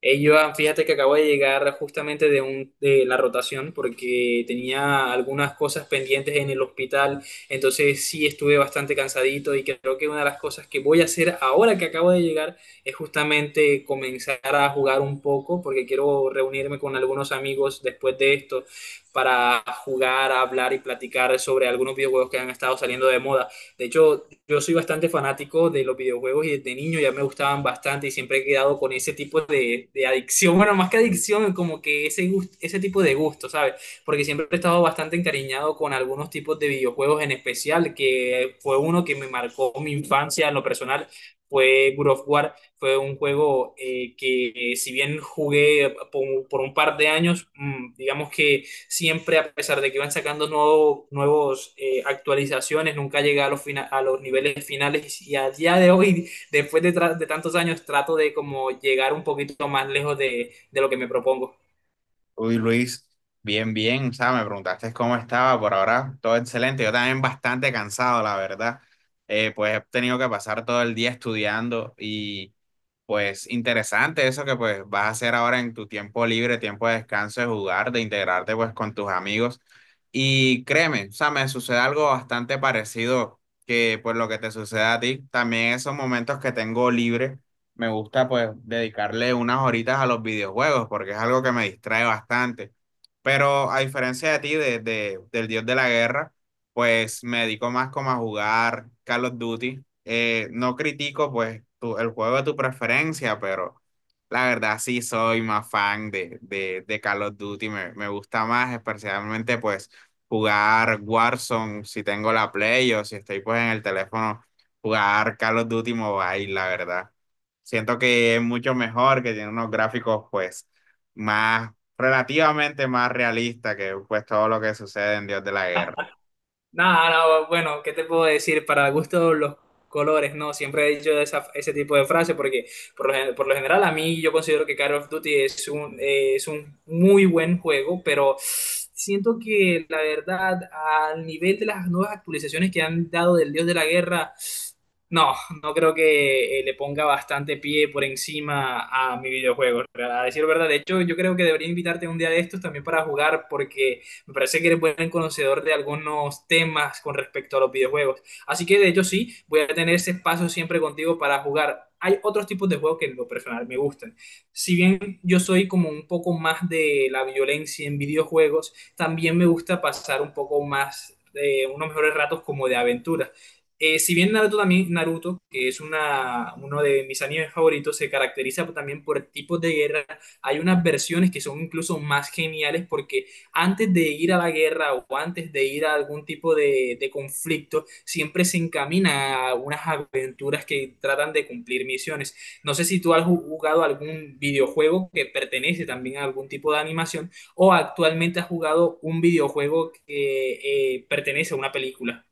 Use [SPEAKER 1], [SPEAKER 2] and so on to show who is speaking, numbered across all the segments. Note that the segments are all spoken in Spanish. [SPEAKER 1] Hey, Joan, fíjate que acabo de llegar justamente de la rotación porque tenía algunas cosas pendientes en el hospital, entonces sí estuve bastante cansadito y creo que una de las cosas que voy a hacer ahora que acabo de llegar es justamente comenzar a jugar un poco porque quiero reunirme con algunos amigos después de esto para jugar, hablar y platicar sobre algunos videojuegos que han estado saliendo de moda. De hecho, yo soy bastante fanático de los videojuegos y desde niño ya me gustaban bastante y siempre he quedado con ese tipo de adicción, bueno, más que adicción, como que ese tipo de gusto, ¿sabes? Porque siempre he estado bastante encariñado con algunos tipos de videojuegos en especial, que fue uno que me marcó mi infancia en lo personal. Fue God of War, fue un juego que si bien jugué por un par de años, digamos que siempre, a pesar de que van sacando nuevos, actualizaciones, nunca llega a a los niveles finales y a día de hoy, después de tantos años, trato de como llegar un poquito más lejos de lo que me propongo.
[SPEAKER 2] Uy, Luis, bien, bien, o sea, me preguntaste cómo estaba, por ahora todo excelente, yo también bastante cansado, la verdad. Pues he tenido que pasar todo el día estudiando y pues interesante eso que pues vas a hacer ahora en tu tiempo libre, tiempo de descanso, de jugar, de integrarte pues con tus amigos. Y créeme, o sea, me sucede algo bastante parecido que pues lo que te sucede a ti. También esos momentos que tengo libre, me gusta pues dedicarle unas horitas a los videojuegos porque es algo que me distrae bastante. Pero a diferencia de ti, del dios de la guerra pues me dedico más como a jugar Call of Duty. No critico pues tu- el juego de tu preferencia, pero la verdad sí soy más fan de Call of Duty. Me gusta más especialmente pues jugar Warzone si tengo la Play o si estoy pues en el teléfono, jugar Call of Duty Mobile, la verdad. Siento que es mucho mejor, que tiene unos gráficos pues más relativamente más realista que pues todo lo que sucede en Dios de la Guerra.
[SPEAKER 1] Nada, no, bueno, ¿qué te puedo decir? Para gusto los colores, ¿no? Siempre he dicho ese tipo de frase porque por lo general a mí yo considero que Call of Duty es es un muy buen juego, pero siento que la verdad al nivel de las nuevas actualizaciones que han dado del Dios de la Guerra, no, no creo que le ponga bastante pie por encima a mi videojuego. A decir verdad, de hecho yo creo que debería invitarte un día de estos también para jugar porque... Me parece que eres buen conocedor de algunos temas con respecto a los videojuegos. Así que de hecho sí, voy a tener ese espacio siempre contigo para jugar. Hay otros tipos de juegos que en lo personal me gustan. Si bien yo soy como un poco más de la violencia en videojuegos, también me gusta pasar un poco más de unos mejores ratos como de aventura. Si bien Naruto también, Naruto, que es uno de mis animes favoritos, se caracteriza también por tipos de guerra. Hay unas versiones que son incluso más geniales porque antes de ir a la guerra o antes de ir a algún tipo de conflicto, siempre se encamina a unas aventuras que tratan de cumplir misiones. No sé si tú has jugado algún videojuego que pertenece también a algún tipo de animación o actualmente has jugado un videojuego que pertenece a una película.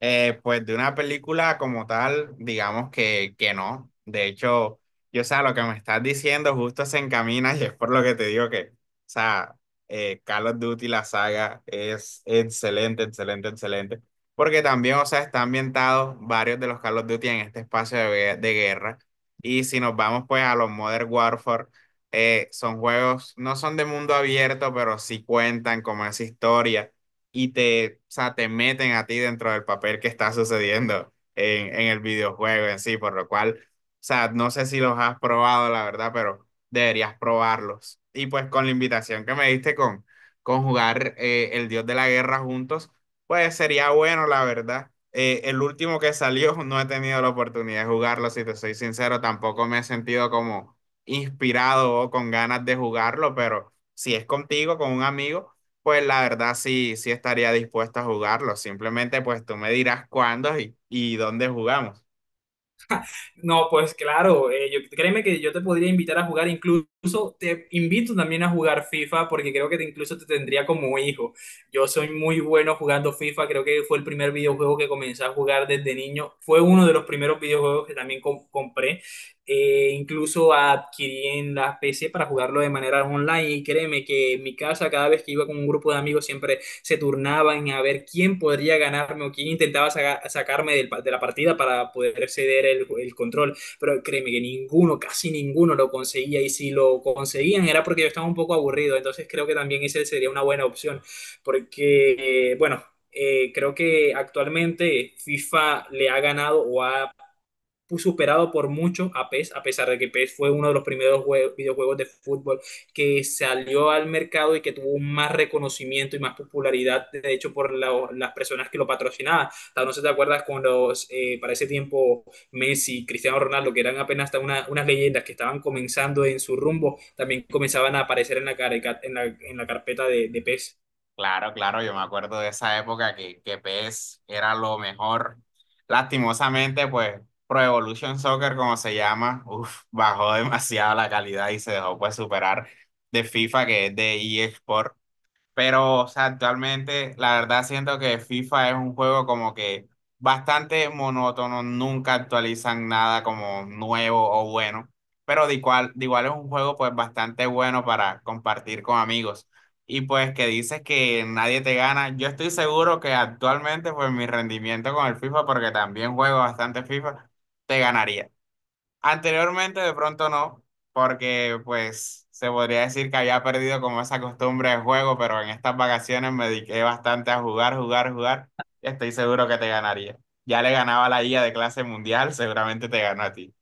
[SPEAKER 2] Pues de una película como tal, digamos que no. De hecho, yo, o sea, lo que me estás diciendo justo se encamina y es por lo que te digo que, o sea, Call of Duty, la saga, es excelente, excelente, excelente. Porque también, o sea, están ambientados varios de los Call of Duty en este espacio de, gue- de guerra. Y si nos vamos pues a los Modern Warfare, son juegos, no son de mundo abierto, pero sí cuentan como esa historia y te, o sea, te meten a ti dentro del papel que está sucediendo en el videojuego en sí, por lo cual, o sea, no sé si los has probado, la verdad, pero deberías probarlos. Y pues con la invitación que me diste con jugar El Dios de la Guerra juntos, pues sería bueno, la verdad. El último que salió no he tenido la oportunidad de jugarlo, si te soy sincero, tampoco me he sentido como inspirado o con ganas de jugarlo, pero si es contigo, con un amigo pues la verdad sí, sí estaría dispuesto a jugarlo. Simplemente pues tú me dirás cuándo y dónde jugamos.
[SPEAKER 1] No, pues claro, yo, créeme que yo te podría invitar a jugar, incluso te invito también a jugar FIFA porque creo que incluso te tendría como hijo. Yo soy muy bueno jugando FIFA, creo que fue el primer videojuego que comencé a jugar desde niño, fue uno de los primeros videojuegos que también compré. Incluso adquirí en la PC para jugarlo de manera online y créeme que en mi casa cada vez que iba con un grupo de amigos siempre se turnaban a ver quién podría ganarme o quién intentaba sacarme de la partida para poder ceder control. Pero créeme que ninguno, casi ninguno lo conseguía y si lo conseguían era porque yo estaba un poco aburrido. Entonces creo que también esa sería una buena opción porque, creo que actualmente FIFA le ha ganado o ha superado por mucho a PES, a pesar de que PES fue uno de los primeros videojuegos de fútbol que salió al mercado y que tuvo más reconocimiento y más popularidad, de hecho, por las personas que lo patrocinaban. No sé si te acuerdas cuando para ese tiempo Messi, Cristiano Ronaldo, que eran apenas hasta unas leyendas que estaban comenzando en su rumbo, también comenzaban a aparecer en la, careca- en la carpeta de PES.
[SPEAKER 2] Claro, claro, yo me acuerdo de esa época que PES era lo mejor. Lastimosamente pues Pro Evolution Soccer como se llama, uf, bajó demasiado la calidad y se dejó pues superar de FIFA que es de eSport. Pero, o sea, actualmente la verdad siento que FIFA es un juego como que bastante monótono, nunca actualizan nada como nuevo o bueno, pero de igual es un juego pues bastante bueno para compartir con amigos. Y pues que dices que nadie te gana, yo estoy seguro que actualmente pues mi rendimiento con el FIFA, porque también juego bastante FIFA, te ganaría. Anteriormente de pronto no, porque pues se podría decir que había perdido como esa costumbre de juego, pero en estas vacaciones me dediqué bastante a jugar, jugar, jugar y estoy seguro que te ganaría. Ya le ganaba a la IA de clase mundial, seguramente te ganó a ti.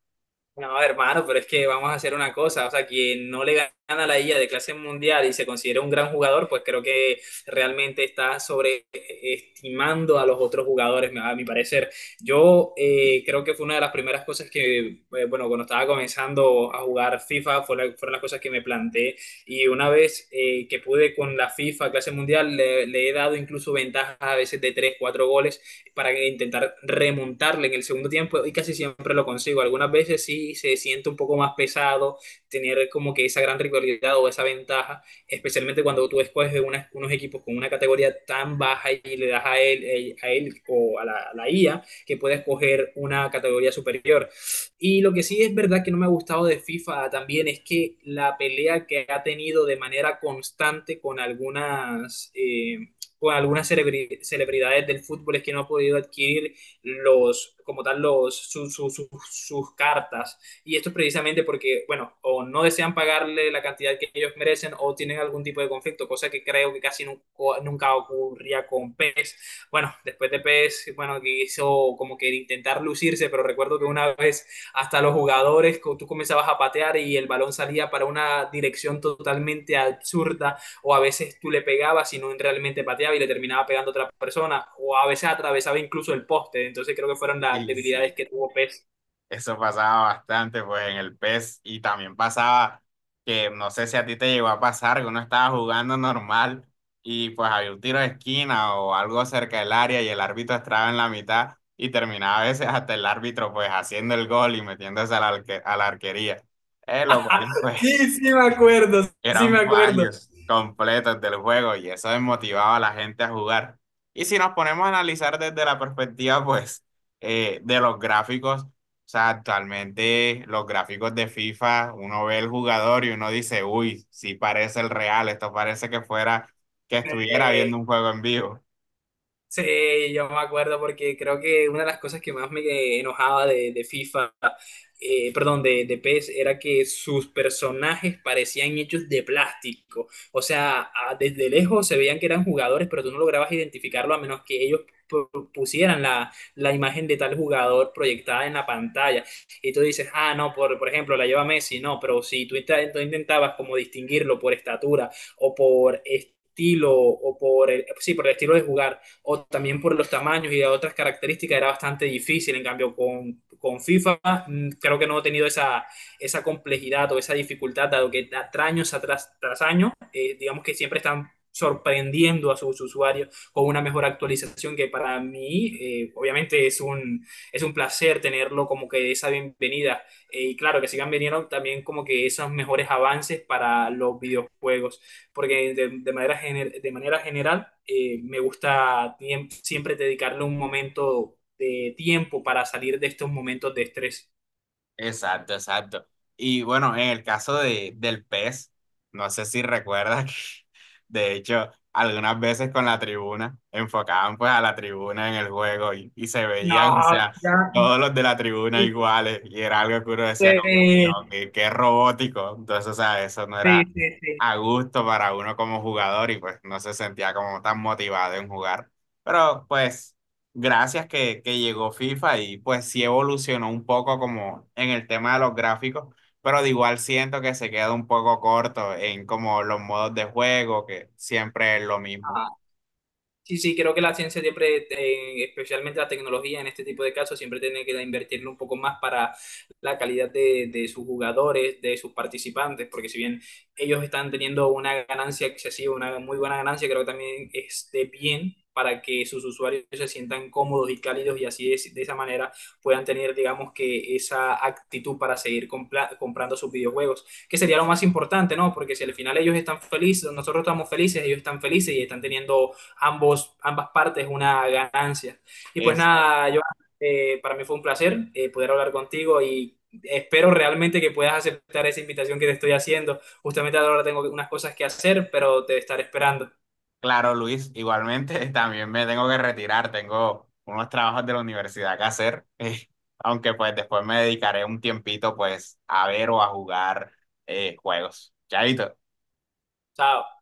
[SPEAKER 1] No, hermano, pero es que vamos a hacer una cosa, o sea, quien no le gana a la IA de clase mundial y se considera un gran jugador, pues creo que realmente está sobreestimando a los otros jugadores, a mi parecer. Yo creo que fue una de las primeras cosas que, bueno, cuando estaba comenzando a jugar FIFA, fueron las cosas que me planteé y una vez que pude con la FIFA clase mundial, le he dado incluso ventajas a veces de 3 4 goles para intentar remontarle en el segundo tiempo y casi siempre lo consigo. Algunas veces sí se siente un poco más pesado tener como que esa gran rivalidad o esa ventaja, especialmente cuando tú escoges unos equipos con una categoría tan baja y le das a él o a a la IA que puede escoger una categoría superior. Y lo que sí es verdad que no me ha gustado de FIFA también es que la pelea que ha tenido de manera constante con algunas celebridades del fútbol es que no ha podido adquirir los, como tal, los, su- su- su- sus cartas. Y esto es precisamente porque, bueno, o no desean pagarle la cantidad que ellos merecen o tienen algún tipo de conflicto, cosa que creo que casi nunca ocurría con PES. Bueno, después de PES, bueno, que hizo como que intentar lucirse, pero recuerdo que una vez hasta los jugadores, tú comenzabas a patear y el balón salía para una dirección totalmente absurda o a veces tú le pegabas y no realmente pateaba y le terminaba pegando a otra persona, o a veces atravesaba incluso el poste. Entonces creo que fueron las
[SPEAKER 2] Y
[SPEAKER 1] debilidades
[SPEAKER 2] sí.
[SPEAKER 1] que tuvo Pez.
[SPEAKER 2] Eso pasaba bastante, pues, en el PES. Y también pasaba que, no sé si a ti te llegó a pasar, que uno estaba jugando normal y pues había un tiro de esquina o algo cerca del área y el árbitro estaba en la mitad y terminaba a veces hasta el árbitro, pues, haciendo el gol y metiéndose a la, arque- a la arquería. Lo cual, pues,
[SPEAKER 1] Sí, sí me acuerdo, sí me
[SPEAKER 2] eran
[SPEAKER 1] acuerdo.
[SPEAKER 2] fallos completos del juego y eso desmotivaba a la gente a jugar. Y si nos ponemos a analizar desde la perspectiva, pues, de los gráficos, o sea, actualmente los gráficos de FIFA, uno ve el jugador y uno dice, uy, sí parece el real, esto parece que fuera, que estuviera
[SPEAKER 1] Eh,
[SPEAKER 2] viendo un juego en vivo.
[SPEAKER 1] Sí, yo me acuerdo porque creo que una de las cosas que más me enojaba de FIFA, perdón, de PES, era que sus personajes parecían hechos de plástico. O sea, desde lejos se veían que eran jugadores, pero tú no lograbas identificarlo a menos que ellos pusieran la imagen de tal jugador proyectada en la pantalla. Y tú dices, ah, no, por ejemplo, la lleva Messi, no, pero si tú intentabas como distinguirlo por estatura o por... estilo o por sí, por el estilo de jugar o también por los tamaños y de otras características era bastante difícil. En cambio, con FIFA creo que no he tenido esa complejidad o esa dificultad, dado que tras años atrás, tras año, digamos que siempre están sorprendiendo a sus usuarios con una mejor actualización que para mí, obviamente es es un placer tenerlo como que esa bienvenida. Y claro, que sigan viniendo también como que esos mejores avances para los videojuegos porque de manera, de manera general me gusta siempre dedicarle un momento de tiempo para salir de estos momentos de estrés.
[SPEAKER 2] Exacto, exacto. Y bueno, en el caso de, del pez, no sé si recuerdas que, de hecho, algunas veces con la tribuna, enfocaban pues a la tribuna en el juego y se veían, o
[SPEAKER 1] No,
[SPEAKER 2] sea,
[SPEAKER 1] ya.
[SPEAKER 2] todos los de la tribuna
[SPEAKER 1] Sí,
[SPEAKER 2] iguales y era algo que uno decía como, "Uy, no, qué, qué robótico". Entonces, o sea, eso no
[SPEAKER 1] sí,
[SPEAKER 2] era
[SPEAKER 1] sí, sí.
[SPEAKER 2] a gusto para uno como jugador y pues no se sentía como tan motivado en jugar. Pero pues gracias que llegó FIFA y pues sí evolucionó un poco como en el tema de los gráficos, pero de igual siento que se queda un poco corto en como los modos de juego, que siempre es lo mismo.
[SPEAKER 1] Sí, sí, creo que la ciencia siempre, especialmente la tecnología en este tipo de casos, siempre tiene que invertirle un poco más para la calidad de sus jugadores, de sus participantes, porque si bien ellos están teniendo una ganancia excesiva, una muy buena ganancia, creo que también esté bien para que sus usuarios se sientan cómodos y cálidos y así de esa manera puedan tener, digamos, que esa actitud para seguir comprando sus videojuegos, que sería lo más importante, ¿no? Porque si al final ellos están felices, nosotros estamos felices, ellos están felices y están teniendo ambas partes una ganancia. Y pues
[SPEAKER 2] Exacto.
[SPEAKER 1] nada, yo para mí fue un placer poder hablar contigo y espero realmente que puedas aceptar esa invitación que te estoy haciendo. Justamente ahora tengo unas cosas que hacer, pero te estaré esperando.
[SPEAKER 2] Claro, Luis, igualmente también me tengo que retirar, tengo unos trabajos de la universidad que hacer, aunque pues después me dedicaré un tiempito pues a ver o a jugar juegos. Chaito.
[SPEAKER 1] Chao.